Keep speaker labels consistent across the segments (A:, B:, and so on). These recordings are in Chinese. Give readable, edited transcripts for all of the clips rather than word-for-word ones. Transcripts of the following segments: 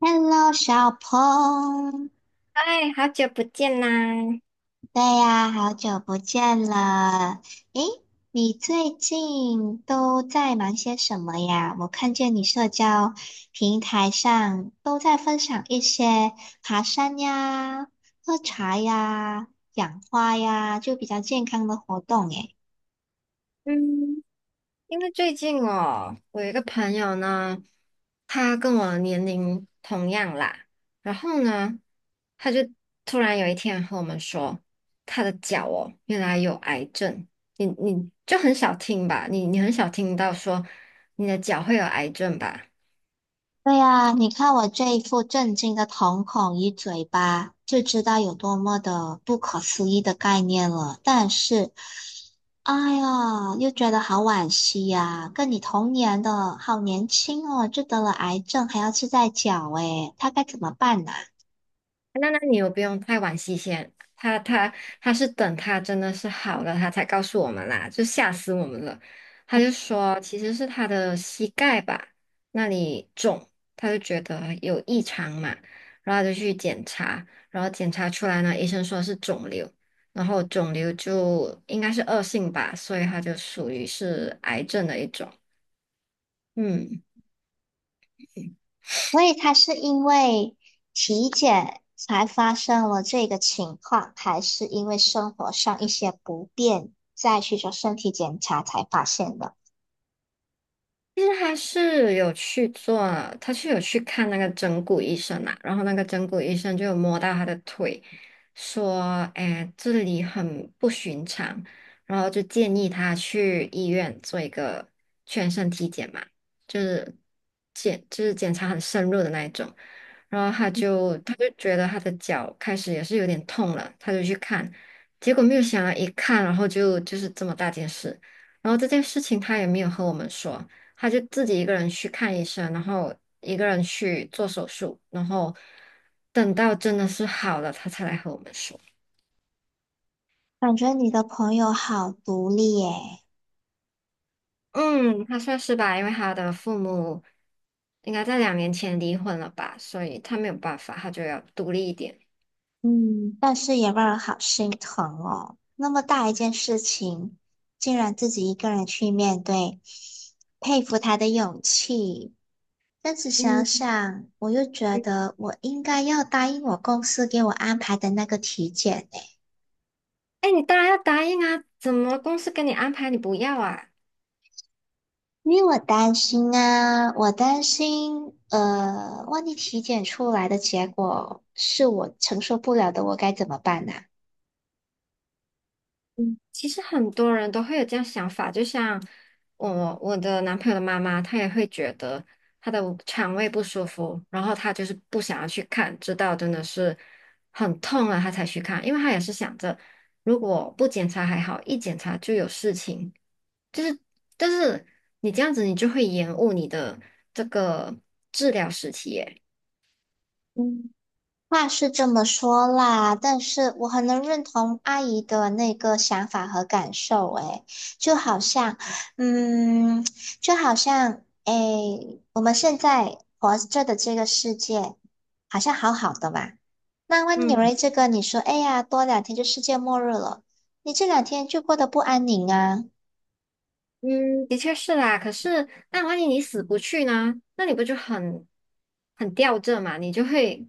A: Hello，小鹏，
B: 嗨，好久不见啦！
A: 对呀，好久不见了。诶，你最近都在忙些什么呀？我看见你社交平台上都在分享一些爬山呀、喝茶呀、养花呀，就比较健康的活动。诶，
B: 嗯，因为最近哦，我有一个朋友呢，他跟我年龄同样啦，然后呢，他就突然有一天和我们说，他的脚哦，原来有癌症。你就很少听吧，你很少听到说你的脚会有癌症吧？
A: 对呀，你看我这一副震惊的瞳孔与嘴巴，就知道有多么的不可思议的概念了。但是。哎呀，又觉得好惋惜呀、跟你同年的，好年轻哦，就得了癌症，还要吃在脚，哎，他该怎么办呢、
B: 那你又不用太惋惜先，他他是等他真的是好了，他才告诉我们啦，就吓死我们了。他就说其实是他的膝盖吧那里肿，他就觉得有异常嘛，然后他就去检查，然后检查出来呢，医生说是肿瘤，然后肿瘤就应该是恶性吧，所以他就属于是癌症的一种。嗯。
A: 所以他是因为体检才发生了这个情况，还是因为生活上一些不便，再去做身体检查才发现的？
B: 其实他是有去做，他是有去看那个整骨医生嘛，然后那个整骨医生就有摸到他的腿，说，哎，这里很不寻常，然后就建议他去医院做一个全身体检嘛，就是检查很深入的那一种，然后他就觉得他的脚开始也是有点痛了，他就去看，结果没有想到一看，然后就是这么大件事，然后这件事情他也没有和我们说。他就自己一个人去看医生，然后一个人去做手术，然后等到真的是好了，他才来和我们说。
A: 感觉你的朋友好独立耶。
B: 嗯，他算是吧，因为他的父母应该在两年前离婚了吧，所以他没有办法，他就要独立一点。
A: 嗯，但是也让人好心疼哦。那么大一件事情，竟然自己一个人去面对，佩服他的勇气。但是想
B: 嗯，
A: 想，我又觉得我应该要答应我公司给我安排的那个体检呢，
B: 哎，你当然要答应啊，怎么公司给你安排你不要啊？
A: 因为我担心啊，我担心，万一体检出来的结果是我承受不了的，我该怎么办呢？
B: 嗯，其实很多人都会有这样想法，就像我的男朋友的妈妈，她也会觉得她的肠胃不舒服，然后她就是不想要去看，直到真的是很痛了，她才去看，因为她也是想着如果不检查还好，一检查就有事情，就是，但是你这样子你就会延误你的这个治疗时期耶。
A: 话是这么说啦，但是我很能认同阿姨的那个想法和感受，诶，就好像，嗯，就好像，诶，我们现在活着的这个世界好像好好的吧？那万一有了这个，你说，哎呀，多两天就世界末日了，你这两天就过得不安宁啊，
B: 嗯，的确是啦。可是，那万一你死不去呢？那你不就很很吊着嘛？你就会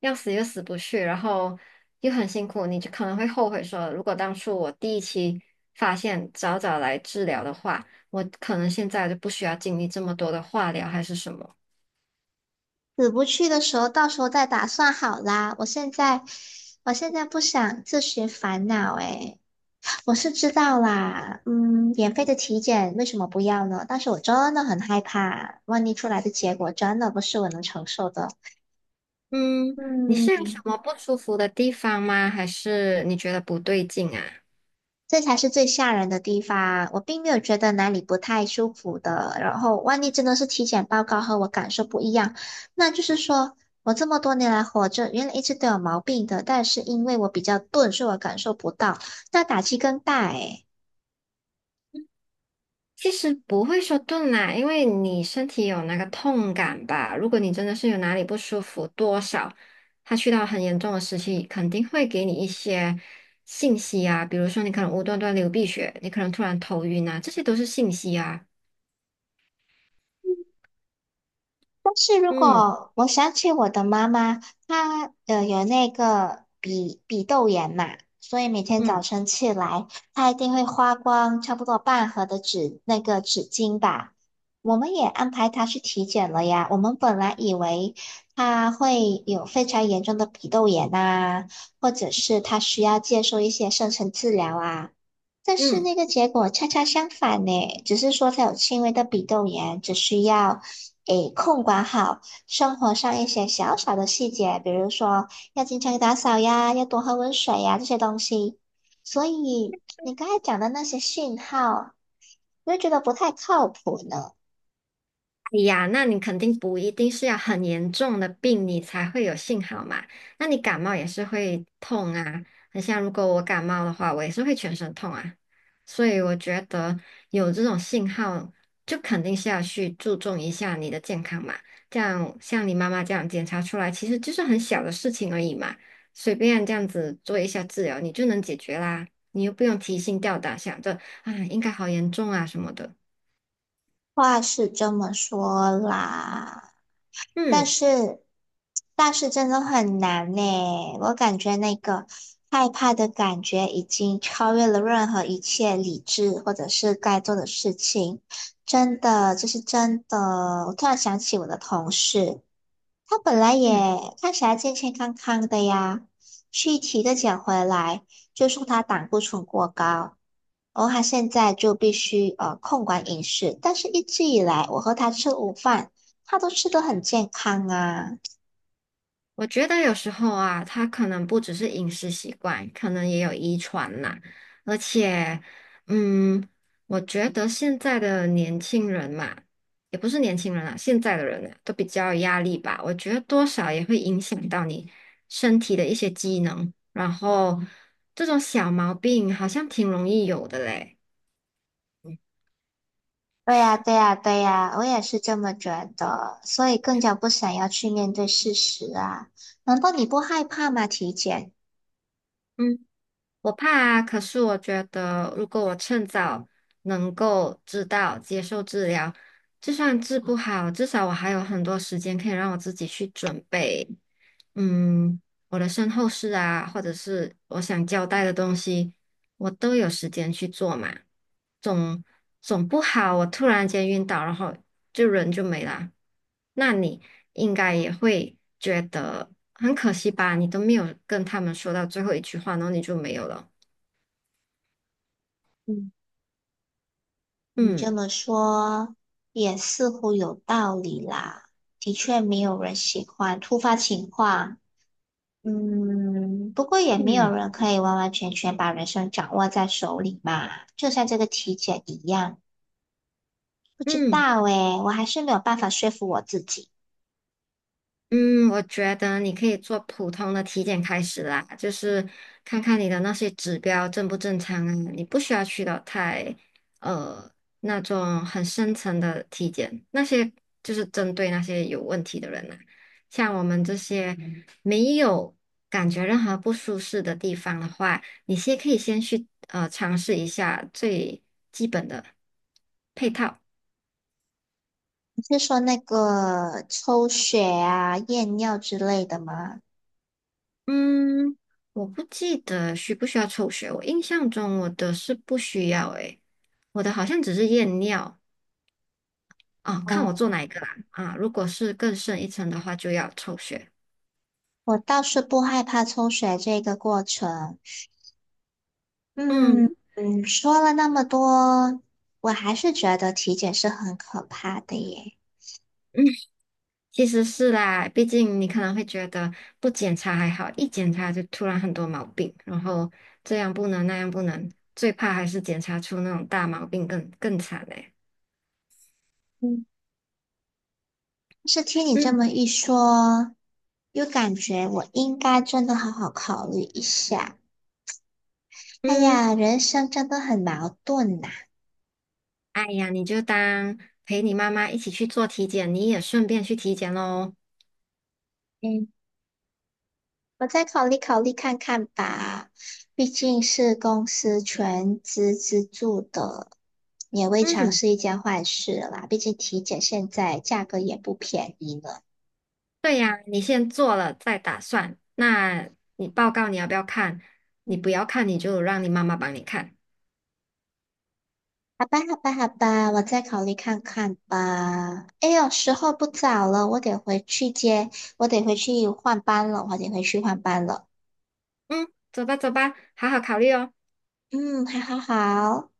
B: 要死又死不去，然后又很辛苦，你就可能会后悔说，如果当初我第一期发现早早来治疗的话，我可能现在就不需要经历这么多的化疗还是什么。
A: 死不去的时候，到时候再打算好啦。我现在，我现在不想自寻烦恼，诶。我是知道啦，嗯，免费的体检为什么不要呢？但是我真的很害怕，万一出来的结果真的不是我能承受的，
B: 嗯，你
A: 嗯，
B: 是有什么不舒服的地方吗？还是你觉得不对劲啊？
A: 这才是最吓人的地方。我并没有觉得哪里不太舒服的，然后万一真的是体检报告和我感受不一样，那就是说我这么多年来活着，原来一直都有毛病的，但是因为我比较钝，所以我感受不到，那打击更大诶。
B: 其实不会说顿啦，因为你身体有那个痛感吧。如果你真的是有哪里不舒服，多少它去到很严重的时期，肯定会给你一些信息啊，比如说你可能无端端流鼻血，你可能突然头晕啊，这些都是信息啊。
A: 但是如
B: 嗯
A: 果我想起我的妈妈，她有那个鼻窦炎嘛，所以每天早
B: 嗯
A: 晨起来，她一定会花光差不多半盒的纸那个纸巾吧。我们也安排她去体检了呀。我们本来以为她会有非常严重的鼻窦炎啊，或者是她需要接受一些深层治疗啊。但是
B: 嗯。
A: 那个结果恰恰相反呢，只是说他有轻微的鼻窦炎，只需要诶控管好生活上一些小小的细节，比如说要经常打扫呀，要多喝温水呀这些东西。所以你刚才讲的那些讯号，我就觉得不太靠谱呢。
B: 哎呀，那你肯定不一定是要很严重的病，你才会有信号嘛。那你感冒也是会痛啊，很像如果我感冒的话，我也是会全身痛啊。所以我觉得有这种信号，就肯定是要去注重一下你的健康嘛。这样像你妈妈这样检查出来，其实就是很小的事情而已嘛，随便这样子做一下治疗，你就能解决啦。你又不用提心吊胆想着啊，应该好严重啊什么的。
A: 话是这么说啦，但
B: 嗯
A: 是，但是真的很难呢。我感觉那个害怕的感觉已经超越了任何一切理智或者是该做的事情。真的，这是真的。我突然想起我的同事，他本来也
B: 嗯。
A: 看起来健健康康的呀，去体个检回来，就说他胆固醇过高。然后他现在就必须控管饮食，但是一直以来我和他吃午饭，他都吃得很健康啊。
B: 我觉得有时候啊，它可能不只是饮食习惯，可能也有遗传啦。而且，嗯，我觉得现在的年轻人嘛，也不是年轻人啦，现在的人啊，都比较有压力吧。我觉得多少也会影响到你身体的一些机能，然后这种小毛病好像挺容易有的嘞。
A: 对呀，对呀，对呀，我也是这么觉得，所以更加不想要去面对事实啊。难道你不害怕吗？体检？
B: 嗯。我怕啊，可是我觉得，如果我趁早能够知道接受治疗，就算治不好，至少我还有很多时间可以让我自己去准备，嗯，我的身后事啊，或者是我想交代的东西，我都有时间去做嘛。总总不好，我突然间晕倒，然后就人就没啦。那你应该也会觉得很可惜吧？你都没有跟他们说到最后一句话，然后你就没有了。
A: 嗯，你这
B: 嗯
A: 么说也似乎有道理啦。的确，没有人喜欢突发情况，嗯，不过也没有
B: 嗯
A: 人可以完完全全把人生掌握在手里嘛，就像这个体检一样，不知
B: 嗯。
A: 道诶，我还是没有办法说服我自己。
B: 嗯，我觉得你可以做普通的体检开始啦，就是看看你的那些指标正不正常啊，你不需要去到太呃那种很深层的体检，那些就是针对那些有问题的人啦、像我们这些没有感觉任何不舒适的地方的话，你可以先去尝试一下最基本的配套。
A: 你是说那个抽血啊、验尿之类的吗？
B: 嗯，我不记得需不需要抽血，我印象中我的是不需要诶，我的好像只是验尿哦，看我做
A: 哦，
B: 哪一个啦啊，如果是更深一层的话就要抽血。
A: 我倒是不害怕抽血这个过程。嗯
B: 嗯
A: 嗯，说了那么多，我还是觉得体检是很可怕的耶。
B: 嗯，其实是啦，毕竟你可能会觉得不检查还好，一检查就突然很多毛病，然后这样不能那样不能，最怕还是检查出那种大毛病更惨嘞。
A: 嗯。是听你这么
B: 嗯
A: 一说，又感觉我应该真的好好考虑一下。哎
B: 嗯。
A: 呀，人生真的很矛盾呐、
B: 哎呀，你就当陪你妈妈一起去做体检，你也顺便去体检喽。
A: 嗯，我再考虑考虑看看吧，毕竟是公司全资资助的，也未尝
B: 嗯，
A: 是一件坏事啦。毕竟体检现在价格也不便宜呢。
B: 对呀，你先做了再打算。那你报告你要不要看？你不要看，你就让你妈妈帮你看。
A: 好吧，好吧，好吧，我再考虑看看吧。哎呦，时候不早了，我得回去换班了，
B: 嗯，走吧走吧，好好考虑哦。
A: 嗯，好好好。